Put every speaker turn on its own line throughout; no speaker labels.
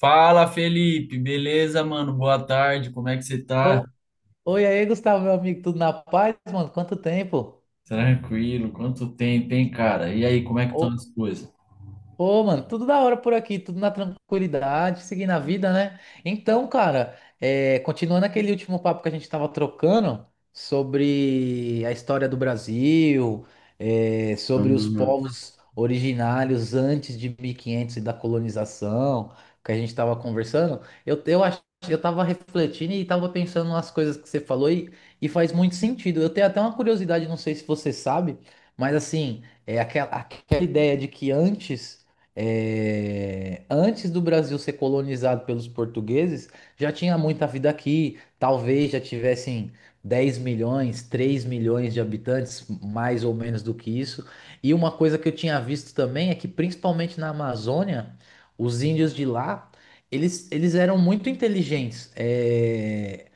Fala, Felipe, beleza, mano? Boa tarde, como é que você tá?
Ô, oi aí, Gustavo, meu amigo, tudo na paz, mano? Quanto tempo?
Tranquilo, quanto tempo, hein, cara? E aí, como é que estão as coisas?
Ô, mano, tudo da hora por aqui, tudo na tranquilidade, seguindo a vida, né? Então, cara, continuando aquele último papo que a gente tava trocando sobre a história do Brasil, sobre os
Uhum.
povos originários antes de 1500 e quinhentos e da colonização, que a gente tava conversando. Eu acho, eu tava refletindo e tava pensando nas coisas que você falou e faz muito sentido. Eu tenho até uma curiosidade, não sei se você sabe, mas assim, é aquela ideia de que antes antes do Brasil ser colonizado pelos portugueses, já tinha muita vida aqui. Talvez já tivessem 10 milhões, 3 milhões de habitantes, mais ou menos do que isso. E uma coisa que eu tinha visto também é que, principalmente na Amazônia, os índios de lá, eles eram muito inteligentes. É,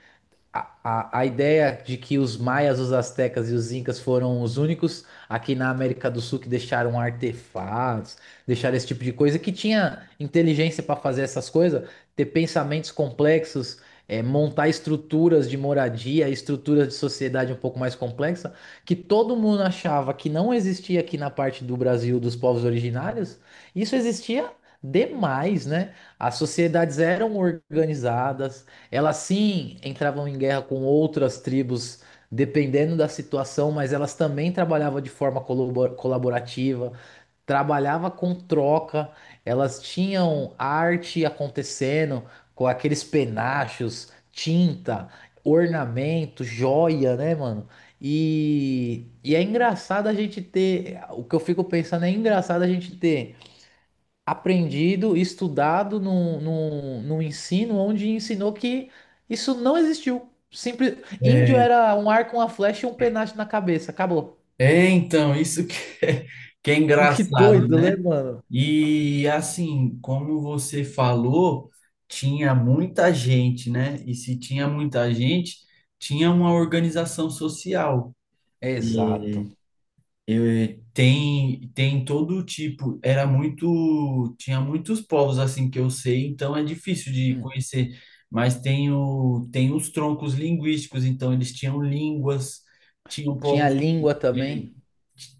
a ideia de que os maias, os astecas e os incas foram os únicos aqui na América do Sul que deixaram artefatos, deixaram esse tipo de coisa, que tinha inteligência para fazer essas coisas, ter pensamentos complexos, montar estruturas de moradia, estruturas de sociedade um pouco mais complexa, que todo mundo achava que não existia aqui na parte do Brasil dos povos originários, isso existia demais, né? As sociedades eram organizadas, elas sim entravam em guerra com outras tribos, dependendo da situação, mas elas também trabalhavam de forma colaborativa, trabalhava com troca, elas tinham arte acontecendo com aqueles penachos, tinta, ornamento, joia, né, mano? E é engraçado a gente ter, o que eu fico pensando é engraçado a gente ter aprendido, estudado num ensino onde ensinou que isso não existiu. Simples. Índio
É,
era um arco, uma flecha e um penacho na cabeça. Acabou.
é, então, isso é, que é
Que
engraçado,
doido, né,
né?
mano?
E assim, como você falou, tinha muita gente, né? E se tinha muita gente, tinha uma organização social.
Exato.
Eu, tem todo tipo, era muito, tinha muitos povos assim que eu sei, então é difícil de
Hum.
conhecer, mas tem os troncos linguísticos, então eles tinham línguas, tinham
Tinha
povos.
língua
é,
também.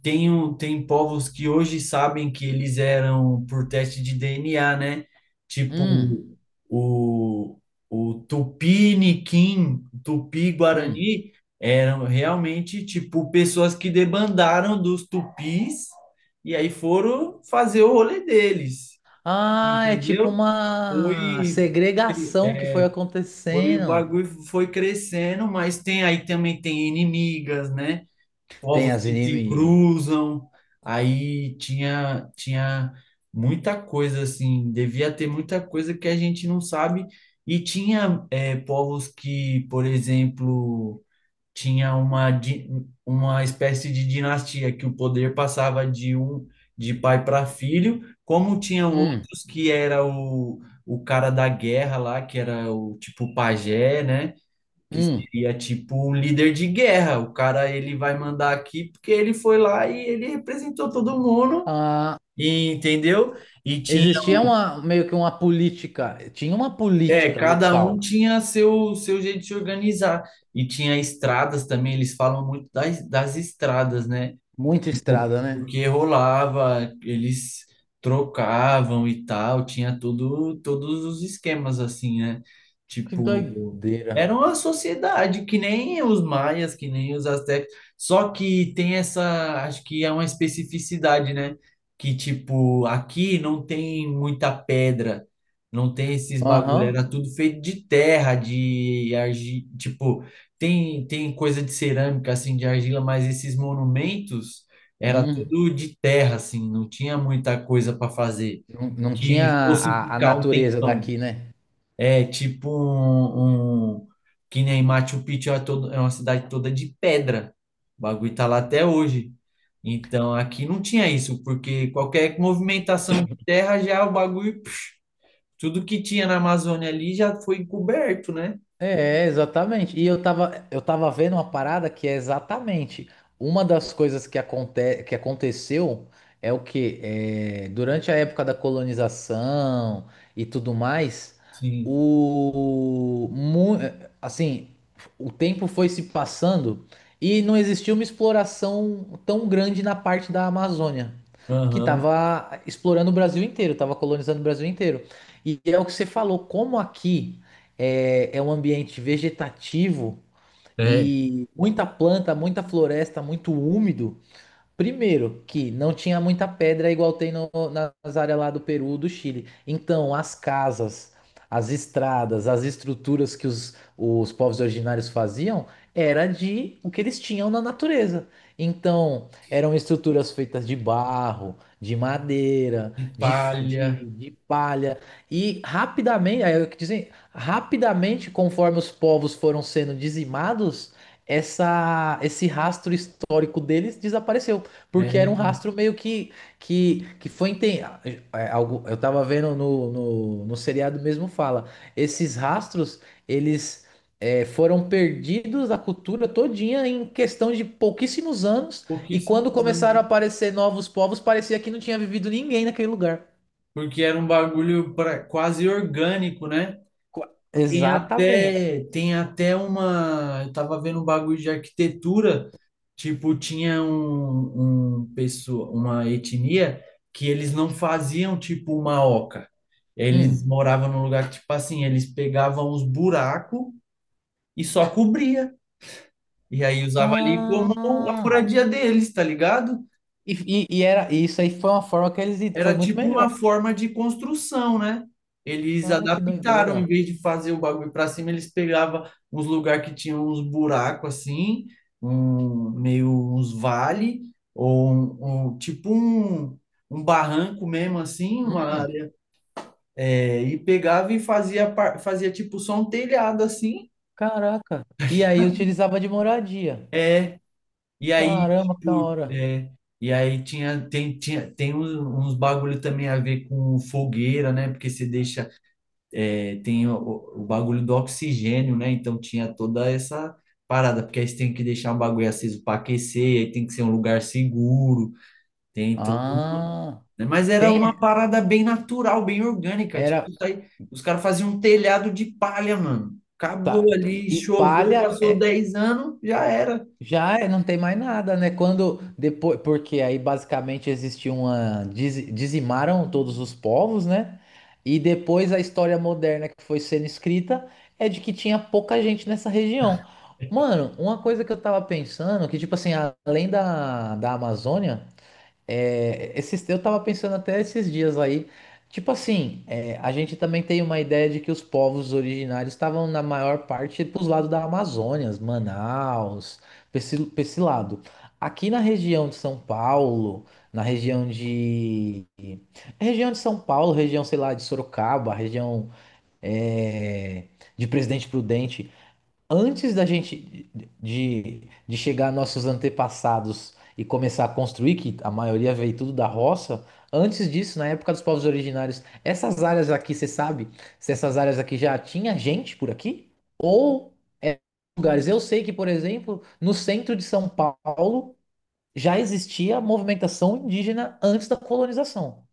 tem povos que hoje sabem que eles eram por teste de DNA, né? Tipo
Hum,
o, o Tupiniquim,
hum.
Tupi-Guarani, eram realmente tipo pessoas que debandaram dos tupis e aí foram fazer o rolê deles,
Ah, é tipo
entendeu?
uma
Foi,
segregação que foi
foi, o
acontecendo.
bagulho foi crescendo, mas tem aí também tem inimigas, né?
Tem
Povos
as
que se
inimigas.
cruzam. Aí tinha muita coisa assim, devia ter muita coisa que a gente não sabe. E tinha povos que, por exemplo, tinha uma espécie de dinastia que o poder passava de pai para filho, como tinham
Hum,
outros que era o cara da guerra lá, que era o tipo pajé, né? Que
hum.
seria tipo o líder de guerra. O cara ele vai mandar aqui porque ele foi lá e ele representou todo mundo,
Ah,
entendeu? E tinha,
existia uma, meio que uma política. Tinha uma política
cada um
local.
tinha seu jeito de se organizar. E tinha estradas também, eles falam muito das estradas, né?
Muita
Tipo,
estrada, né?
porque rolava, eles trocavam e tal, tinha tudo, todos os esquemas assim, né?
Que
Tipo,
doideira.
era uma sociedade que nem os maias, que nem os astecas, só que tem essa, acho que é uma especificidade, né? Que tipo, aqui não tem muita pedra, não tem esses bagulho,
Aham.
era tudo feito de terra, de argila, tipo, tem coisa de cerâmica assim, de argila, mas esses monumentos era
Hum.
tudo de terra, assim, não tinha muita coisa para fazer
Não, não tinha
que fosse
a
ficar um
natureza
tempão.
daqui, né?
É tipo um, um- que nem Machu Picchu é, todo, é uma cidade toda de pedra. O bagulho tá lá até hoje. Então aqui não tinha isso, porque qualquer movimentação de terra já é o bagulho, pf, tudo que tinha na Amazônia ali já foi encoberto, né?
É, exatamente. E eu tava vendo uma parada que é exatamente uma das coisas que aconteceu é o que durante a época da colonização e tudo mais,
Sim.
o mu- assim, o tempo foi se passando e não existiu uma exploração tão grande na parte da Amazônia, que
Aham.
tava explorando o Brasil inteiro, tava colonizando o Brasil inteiro. E é o que você falou, como aqui é um ambiente vegetativo
É.
e muita planta, muita floresta, muito úmido. Primeiro, que não tinha muita pedra igual tem nas áreas lá do Peru, do Chile. Então, as casas, as estradas, as estruturas que os povos originários faziam era de o que eles tinham na natureza. Então, eram estruturas feitas de barro, de madeira,
De palha.
de palha. E rapidamente, aí eu que dizer, rapidamente, conforme os povos foram sendo dizimados, esse rastro histórico deles desapareceu. Porque era um
É.
rastro meio que algo eu tava vendo no seriado mesmo fala, esses rastros eles foram perdidos da cultura todinha em questão de pouquíssimos anos, e
Pouquíssimos
quando
anos,
começaram
né?
a aparecer novos povos parecia que não tinha vivido ninguém naquele lugar.
Porque era um bagulho pra, quase orgânico, né?
Co-
Tem
Exatamente.
até, tem até uma. Eu tava vendo um bagulho de arquitetura, tipo, tinha uma etnia que eles não faziam tipo uma oca. Eles
Hum.
moravam num lugar que, tipo assim, eles pegavam os buracos e só cobria. E aí usava ali como a
Ah,
moradia deles, tá ligado?
e, e era, e isso aí foi uma forma que eles
Era
foi muito
tipo uma
melhor.
forma de construção, né? Eles
Ah, que
adaptaram,
doideira.
em vez de fazer o bagulho para cima, eles pegavam uns lugares que tinham uns buracos assim, um, meio uns vale, ou um barranco mesmo assim, uma
Hum.
área, e pegava e fazia, fazia tipo só um telhado assim,
Caraca. E aí eu utilizava de moradia.
e aí,
Caramba, que da
tipo,
hora.
e aí tem uns bagulho também a ver com fogueira, né? Porque você deixa. É, tem o bagulho do oxigênio, né? Então tinha toda essa parada, porque aí você tem que deixar o bagulho aceso para aquecer, aí tem que ser um lugar seguro, tem todo
Ah,
né? Mas era uma
tem.
parada bem natural, bem orgânica.
Era.
Tipo, isso aí, os caras faziam um telhado de palha, mano.
Tá,
Acabou
e
ali,
e
choveu,
palha
passou
é,
10 anos, já era.
não tem mais nada, né? Quando depois, porque aí basicamente existia uma dizimaram todos os povos, né? E depois a história moderna que foi sendo escrita é de que tinha pouca gente nessa região. Mano, uma coisa que eu tava pensando, que tipo assim, além da Amazônia. É, esses, eu tava pensando até esses dias aí, tipo assim, é, a gente também tem uma ideia de que os povos originários estavam na maior parte pros lados da Amazônia, Manaus, pra pra esse lado. Aqui na região de São Paulo, na região de... Região de São Paulo, região, sei lá, de Sorocaba, região é, de Presidente Prudente, antes da gente de chegar nossos antepassados e começar a construir, que a maioria veio tudo da roça, antes disso, na época dos povos originários, essas áreas aqui, você sabe se essas áreas aqui já tinha gente por aqui? Ou é lugares? Eu sei que, por exemplo, no centro de São Paulo já existia movimentação indígena antes da colonização.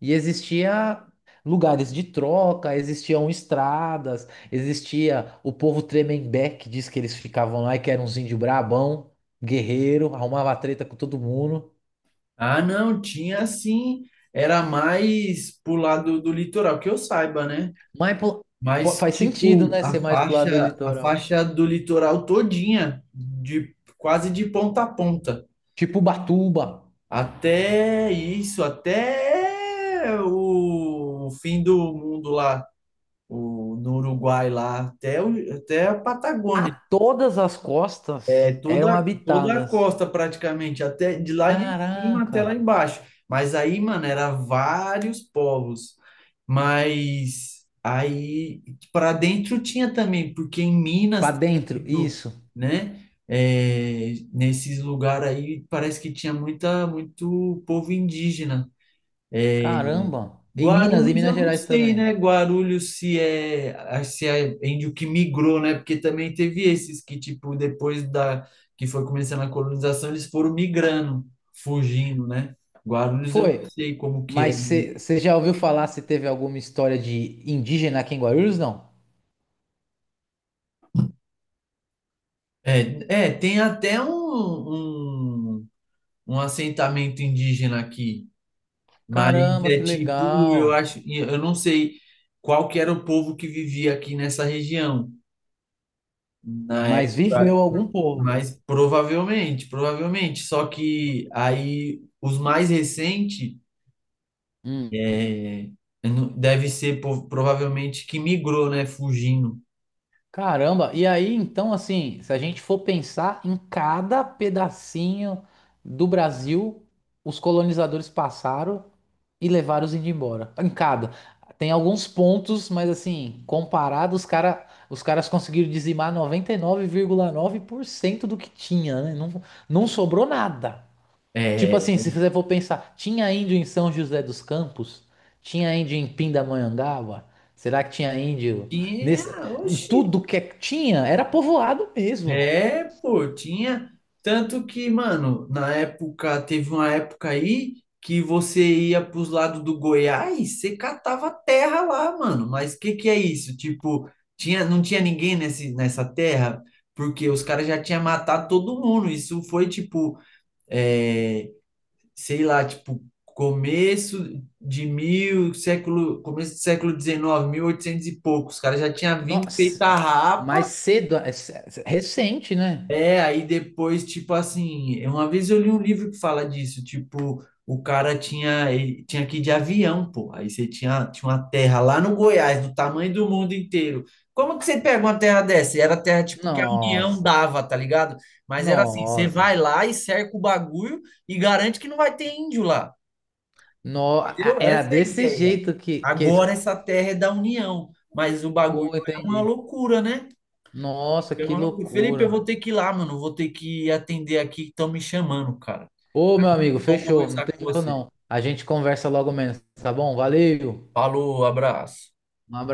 E existia lugares de troca, existiam estradas, existia o povo Tremembé, que diz que eles ficavam lá e que era uns índio brabão, guerreiro, arrumava treta com todo mundo.
Ah, não, tinha assim, era mais pro lado do litoral, que eu saiba, né?
Mas pô, pô,
Mas,
faz sentido,
tipo,
né,
a
ser mais pro lado do
faixa, a
litoral.
faixa do litoral todinha, de quase de ponta a ponta.
Tipo Ubatuba.
Até isso, até o fim do mundo lá, no Uruguai lá, até a
A
Patagônia.
todas as
É
costas eram
toda, toda a
habitadas.
costa praticamente, até de lá de cima
Caraca.
até lá embaixo. Mas aí, mano, era vários povos. Mas aí para dentro tinha também, porque em Minas,
Pra
tem
dentro,
muito,
isso.
né? É, nesses lugares aí parece que tinha muita, muito povo indígena.
Caramba. Em
Guarulhos, eu
Minas
não
Gerais
sei, né?
também.
Guarulhos se é índio que migrou, né? Porque também teve esses que tipo depois da que foi começando a colonização, eles foram migrando, fugindo, né? Guarulhos, eu não
Foi.
sei como que é.
Mas você já ouviu falar se teve alguma história de indígena aqui em Guarulhos? Não.
É, tem até um, um, um assentamento indígena aqui, mas
Caramba,
é
que
tipo, eu
legal.
acho, eu não sei qual que era o povo que vivia aqui nessa região. Na
Mas viveu
época.
algum povo.
Mas provavelmente, provavelmente. Só que aí os mais recentes
Hum.
é, deve ser provavelmente que migrou, né? Fugindo.
Caramba, e aí então, assim, se a gente for pensar em cada pedacinho do Brasil, os colonizadores passaram e levaram os índios embora. Em cada. Tem alguns pontos, mas assim, comparado, os caras conseguiram dizimar 99,9% do que tinha, né? Não, não sobrou nada.
É,
Tipo assim, se você for pensar, tinha índio em São José dos Campos? Tinha índio em Pindamonhangaba? Será que tinha índio
que
nesse...
é,
em
oxi.
tudo que tinha? Era povoado mesmo.
É, pô, tinha. Tanto que, mano, na época, teve uma época aí que você ia pros lados do Goiás, você catava terra lá, mano. Mas o que que é isso? Tipo, tinha, não tinha ninguém nesse, nessa terra, porque os caras já tinham matado todo mundo. Isso foi, tipo, é, sei lá, tipo, começo do século XIX, oitocentos e pouco. Os caras já tinham vindo
Nossa,
feita a.
mais cedo, é é recente, né?
É, aí depois, tipo assim, uma vez eu li um livro que fala disso, tipo, o cara tinha, ele tinha que ir de avião, pô. Aí você tinha uma terra lá no Goiás, do tamanho do mundo inteiro. Como que você pega uma terra dessa? E era terra, tipo, que a União
Nossa,
dava, tá ligado? Mas era assim, você
nossa.
vai lá e cerca o bagulho e garante que não vai ter índio lá,
No... a-
entendeu?
Era
Essa é a
desse
ideia.
jeito
Agora essa terra é da União, mas o bagulho
Pô,
é uma
entendi.
loucura, né?
Nossa,
Eu,
que
maluco, Felipe, eu
loucura.
vou ter que ir lá, mano. Vou ter que atender aqui que estão me chamando, cara.
Ô, meu amigo,
Bom
fechou. Não
conversar com
tem erro,
você.
não. A gente conversa logo menos, tá bom? Valeu.
Falou, abraço.
Um abraço.